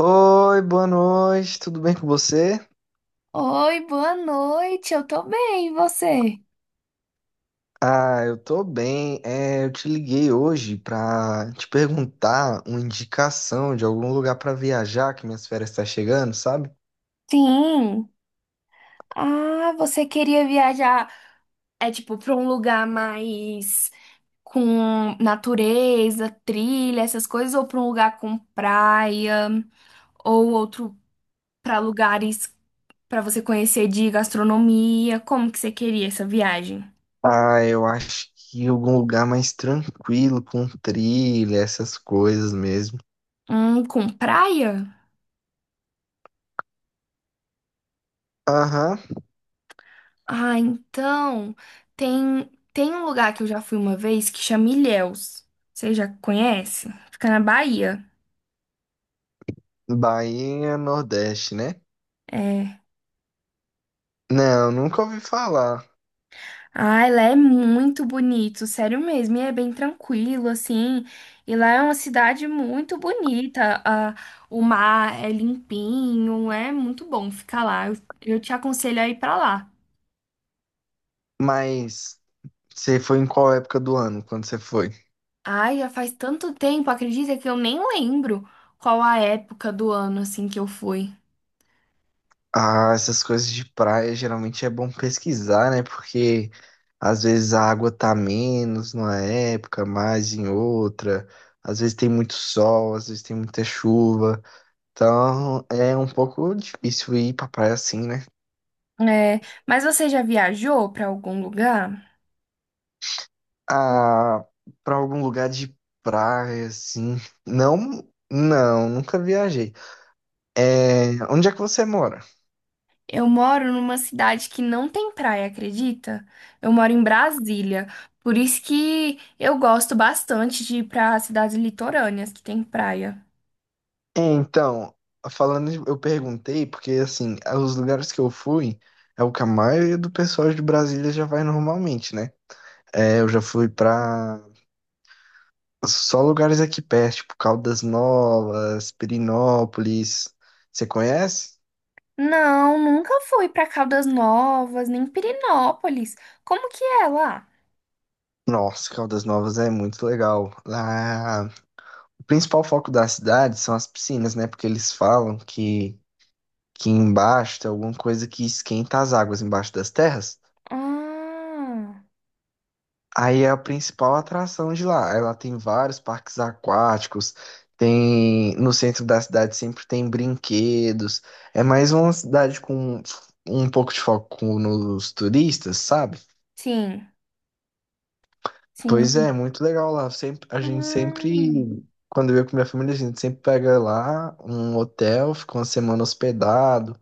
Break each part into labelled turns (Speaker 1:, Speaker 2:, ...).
Speaker 1: Oi, boa noite, tudo bem com você?
Speaker 2: Oi, boa noite. Eu tô bem, e você?
Speaker 1: Ah, eu tô bem. Eu te liguei hoje pra te perguntar uma indicação de algum lugar pra viajar, que minhas férias tá chegando, sabe?
Speaker 2: Sim. Ah, você queria viajar, é tipo, pra um lugar mais com natureza, trilha, essas coisas, ou pra um lugar com praia, ou outro pra lugares pra você conhecer de gastronomia? Como que você queria essa viagem?
Speaker 1: Ah, eu acho que algum lugar mais tranquilo, com trilha, essas coisas mesmo.
Speaker 2: Com praia?
Speaker 1: Aham,
Speaker 2: Ah, então, tem um lugar que eu já fui uma vez que chama Ilhéus. Você já conhece? Fica na Bahia.
Speaker 1: Bahia, Nordeste, né?
Speaker 2: É.
Speaker 1: Não, nunca ouvi falar.
Speaker 2: Ai, lá é muito bonito, sério mesmo. E é bem tranquilo, assim. E lá é uma cidade muito bonita. O mar é limpinho, é muito bom ficar lá. Eu te aconselho a ir pra lá.
Speaker 1: Mas você foi em qual época do ano, quando você foi?
Speaker 2: Ai, já faz tanto tempo, acredita que eu nem lembro qual a época do ano, assim, que eu fui.
Speaker 1: Ah, essas coisas de praia geralmente é bom pesquisar, né? Porque às vezes a água tá menos numa época, mais em outra. Às vezes tem muito sol, às vezes tem muita chuva. Então é um pouco difícil ir pra praia assim, né?
Speaker 2: É, mas você já viajou para algum lugar?
Speaker 1: Ah, pra algum lugar de praia assim. Não, não, nunca viajei. É, onde é que você mora?
Speaker 2: Eu moro numa cidade que não tem praia, acredita? Eu moro em Brasília, por isso que eu gosto bastante de ir para cidades litorâneas que tem praia.
Speaker 1: É, então, falando, de- eu perguntei, porque assim, os lugares que eu fui é o que a maioria do pessoal de Brasília já vai normalmente, né? Eu já fui pra só lugares aqui perto, tipo Caldas Novas, Pirinópolis. Você conhece?
Speaker 2: Não, nunca fui para Caldas Novas, nem Pirenópolis. Como que é lá?
Speaker 1: Nossa, Caldas Novas é muito legal. Lá, o principal foco da cidade são as piscinas, né? Porque eles falam que embaixo tem alguma coisa que esquenta as águas embaixo das terras.
Speaker 2: Ah,
Speaker 1: Aí é a principal atração de lá. Ela tem vários parques aquáticos, tem no centro da cidade sempre tem brinquedos. É mais uma cidade com um pouco de foco nos turistas, sabe?
Speaker 2: sim,
Speaker 1: Pois é,
Speaker 2: sim.
Speaker 1: muito legal lá. Sempre, a gente
Speaker 2: Ah.
Speaker 1: sempre, quando eu ia com minha família, a gente sempre pega lá um hotel, fica uma semana hospedado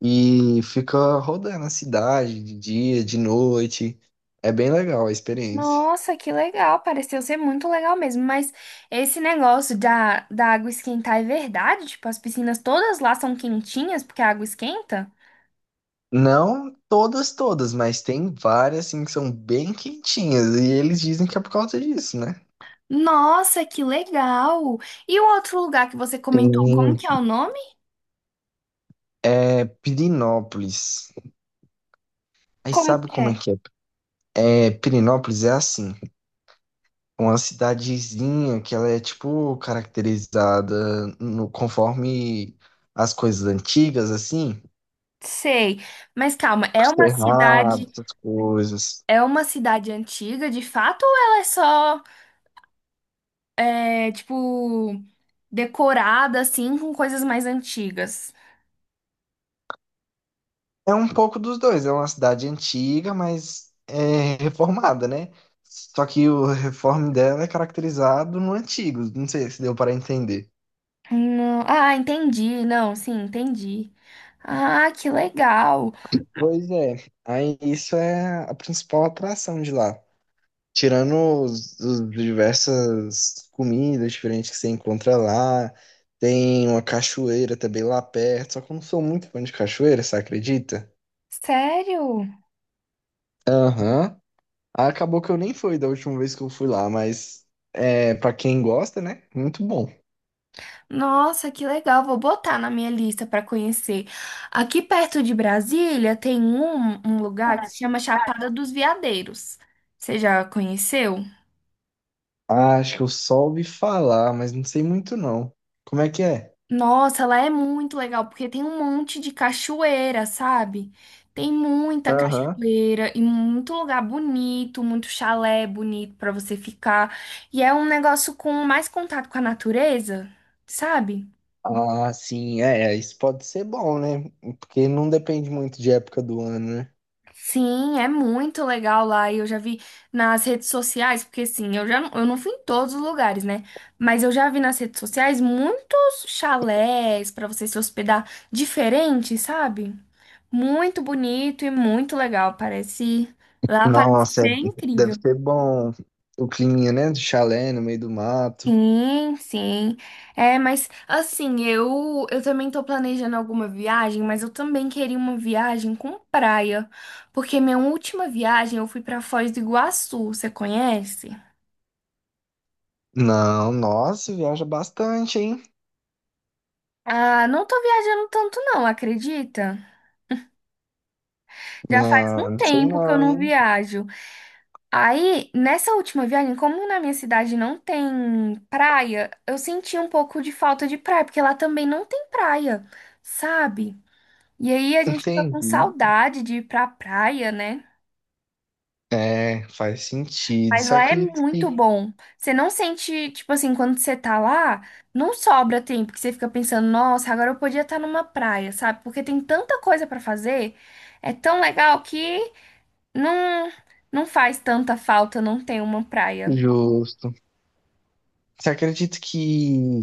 Speaker 1: e fica rodando a cidade de dia, de noite. É bem legal a experiência.
Speaker 2: Nossa, que legal, pareceu ser muito legal mesmo, mas esse negócio da água esquentar é verdade? Tipo, as piscinas todas lá são quentinhas porque a água esquenta?
Speaker 1: Não todas, todas, mas tem várias assim que são bem quentinhas e eles dizem que é por causa disso, né?
Speaker 2: Nossa, que legal! E o outro lugar que você comentou, como
Speaker 1: Tem
Speaker 2: que é o nome?
Speaker 1: é, Pirinópolis. Aí
Speaker 2: Como
Speaker 1: sabe
Speaker 2: que
Speaker 1: como
Speaker 2: é?
Speaker 1: é que é? É, Pirinópolis é assim, uma cidadezinha que ela é tipo caracterizada no, conforme as coisas antigas, assim,
Speaker 2: Sei, mas calma,
Speaker 1: por cerrado, essas coisas.
Speaker 2: é uma cidade antiga de fato ou ela é só, é, tipo, decorada assim com coisas mais antigas?
Speaker 1: É um pouco dos dois. É uma cidade antiga, mas é reformada, né? Só que o reforme dela é caracterizado no antigo. Não sei se deu para entender.
Speaker 2: Não. Ah, entendi. Não, sim, entendi. Ah, que legal.
Speaker 1: Pois é. Aí isso é a principal atração de lá. Tirando os diversas comidas diferentes que você encontra lá. Tem uma cachoeira também lá perto. Só que eu não sou muito fã de cachoeira, você acredita?
Speaker 2: Sério?
Speaker 1: Aham. Aí acabou que eu nem fui da última vez que eu fui lá, mas é, para quem gosta, né? Muito bom.
Speaker 2: Nossa, que legal. Vou botar na minha lista para conhecer. Aqui perto de Brasília tem um lugar que se chama Chapada dos Veadeiros. Você já conheceu?
Speaker 1: Ah, acho que eu só ouvi falar, mas não sei muito não. Como é que é?
Speaker 2: Nossa, lá é muito legal, porque tem um monte de cachoeira, sabe? Tem muita
Speaker 1: Aham.
Speaker 2: cachoeira e muito lugar bonito, muito chalé bonito pra você ficar. E é um negócio com mais contato com a natureza, sabe?
Speaker 1: Ah, sim, isso pode ser bom, né? Porque não depende muito de época do ano, né?
Speaker 2: Sim, é muito legal lá. E eu já vi nas redes sociais, porque assim, eu não fui em todos os lugares, né? Mas eu já vi nas redes sociais muitos chalés pra você se hospedar diferente, sabe? Muito bonito e muito legal. Parece. Lá parece
Speaker 1: Nossa,
Speaker 2: ser
Speaker 1: deve
Speaker 2: incrível.
Speaker 1: ser bom o climinha, né? Do chalé no meio do mato.
Speaker 2: Sim, sim. É, mas assim, eu também tô planejando alguma viagem, mas eu também queria uma viagem com praia, porque minha última viagem eu fui pra Foz do Iguaçu, você conhece?
Speaker 1: Não, nossa, viaja bastante, hein?
Speaker 2: Ah, não tô viajando tanto não, acredita? Já faz um
Speaker 1: Não, não sei
Speaker 2: tempo que eu
Speaker 1: não,
Speaker 2: não
Speaker 1: hein?
Speaker 2: viajo. Aí, nessa última viagem, como na minha cidade não tem praia, eu senti um pouco de falta de praia, porque lá também não tem praia, sabe? E aí a gente fica com
Speaker 1: Entendi.
Speaker 2: saudade de ir pra praia, né?
Speaker 1: É, faz sentido.
Speaker 2: Mas
Speaker 1: Você
Speaker 2: lá é
Speaker 1: acredita
Speaker 2: muito
Speaker 1: que
Speaker 2: bom. Você não sente, tipo assim, quando você tá lá, não sobra tempo que você fica pensando, nossa, agora eu podia estar numa praia, sabe? Porque tem tanta coisa pra fazer, é tão legal que não, não faz tanta falta não ter uma praia.
Speaker 1: justo. Você acredita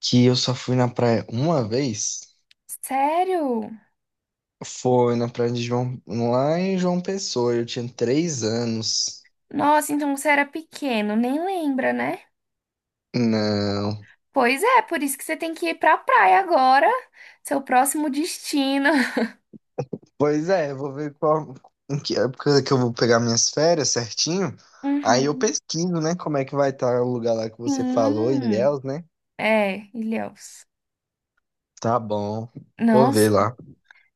Speaker 1: que eu só fui na praia uma vez?
Speaker 2: Sério?
Speaker 1: Foi na praia de João, lá em João Pessoa, eu tinha 3 anos.
Speaker 2: Nossa, então você era pequeno, nem lembra, né?
Speaker 1: Não.
Speaker 2: Pois é, por isso que você tem que ir pra praia agora, seu próximo destino.
Speaker 1: Pois é, eu vou ver qual, em que época que eu vou pegar minhas férias certinho. Aí eu
Speaker 2: Uhum.
Speaker 1: pesquiso, né, como é que vai estar o lugar lá que você falou,
Speaker 2: Sim,
Speaker 1: Ilhéus, né?
Speaker 2: é, Ilhéus.
Speaker 1: Tá bom, vou
Speaker 2: Nossa,
Speaker 1: ver lá.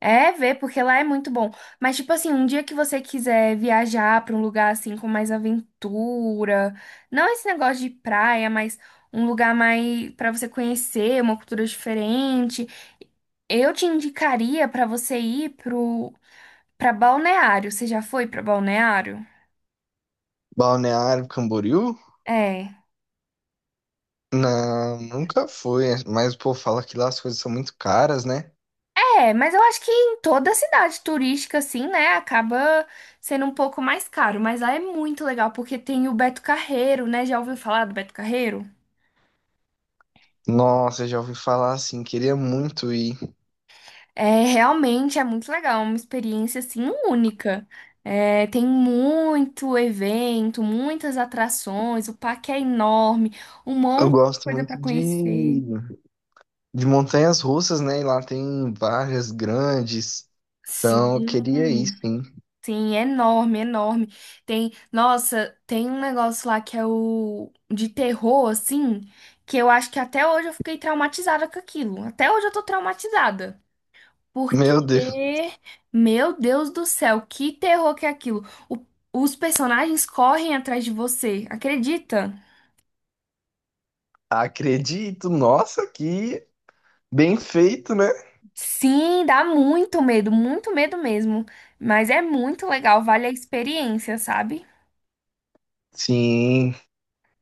Speaker 2: é ver, porque lá é muito bom. Mas, tipo assim, um dia que você quiser viajar pra um lugar assim com mais aventura, não esse negócio de praia, mas um lugar mais pra você conhecer, uma cultura diferente. Eu te indicaria para você ir pro Pra Balneário, você já foi pra Balneário?
Speaker 1: Balneário Camboriú?
Speaker 2: É.
Speaker 1: Não, nunca fui, mas o povo fala que lá as coisas são muito caras, né?
Speaker 2: É, mas eu acho que em toda cidade turística, assim, né, acaba sendo um pouco mais caro. Mas lá é muito legal, porque tem o Beto Carreiro, né? Já ouviu falar do Beto Carreiro?
Speaker 1: Nossa, eu já ouvi falar assim, queria muito ir.
Speaker 2: É, realmente é muito legal, é uma experiência, assim, única. É, tem muito evento, muitas atrações, o parque é enorme, um
Speaker 1: Eu
Speaker 2: monte de
Speaker 1: gosto
Speaker 2: coisa pra
Speaker 1: muito
Speaker 2: conhecer.
Speaker 1: de montanhas russas, né? E lá tem várias grandes.
Speaker 2: Sim.
Speaker 1: Então, eu queria ir, sim.
Speaker 2: Sim, é enorme, enorme. Tem, nossa, tem um negócio lá que é o de terror, assim, que eu acho que até hoje eu fiquei traumatizada com aquilo. Até hoje eu tô traumatizada. Porque,
Speaker 1: Meu Deus,
Speaker 2: meu Deus do céu, que terror que é aquilo. O- os personagens correm atrás de você, acredita?
Speaker 1: acredito. Nossa, que bem feito, né?
Speaker 2: Sim, dá muito medo mesmo. Mas é muito legal, vale a experiência, sabe?
Speaker 1: Sim,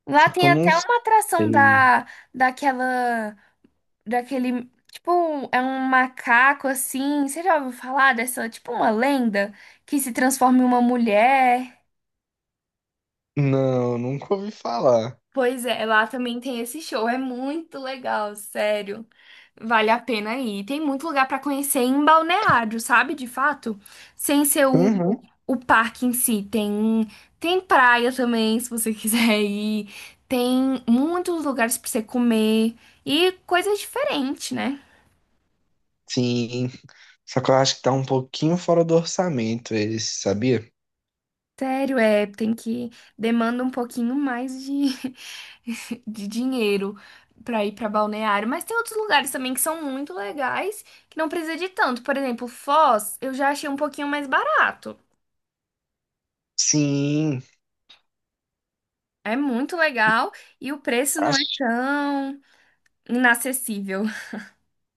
Speaker 2: Lá
Speaker 1: só que
Speaker 2: tem
Speaker 1: eu não
Speaker 2: até uma atração
Speaker 1: sei.
Speaker 2: da, daquela. Daquele, tipo, é um macaco assim. Você já ouviu falar dessa, tipo, uma lenda que se transforma em uma mulher?
Speaker 1: Não, nunca ouvi falar.
Speaker 2: Pois é, lá também tem esse show. É muito legal, sério. Vale a pena ir. Tem muito lugar pra conhecer em Balneário, sabe? De fato, sem ser
Speaker 1: Uhum.
Speaker 2: o parque em si. Tem praia também, se você quiser ir. Tem muitos lugares pra você comer e coisas diferentes, né?
Speaker 1: Sim, só que eu acho que tá um pouquinho fora do orçamento esse, sabia?
Speaker 2: Sério, é, tem que demanda um pouquinho mais de, de dinheiro pra ir pra balneário, mas tem outros lugares também que são muito legais, que não precisa de tanto. Por exemplo, Foz, eu já achei um pouquinho mais barato.
Speaker 1: Sim,
Speaker 2: É muito legal e o preço não é
Speaker 1: acho.
Speaker 2: tão inacessível.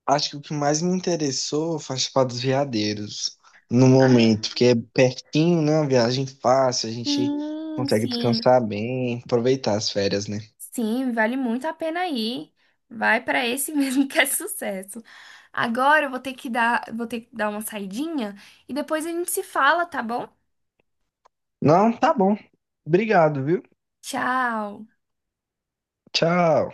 Speaker 1: Acho que o que mais me interessou foi participar dos veadeiros no
Speaker 2: Ah,
Speaker 1: momento, porque é pertinho, né? Uma viagem fácil, a gente
Speaker 2: sim,
Speaker 1: consegue
Speaker 2: sim.
Speaker 1: descansar bem, aproveitar as férias, né?
Speaker 2: Sim, vale muito a pena ir. Vai pra esse mesmo que é sucesso. Agora eu vou ter que dar, vou ter que dar uma saidinha e depois a gente se fala, tá bom?
Speaker 1: Não, tá bom. Obrigado, viu?
Speaker 2: Tchau.
Speaker 1: Tchau.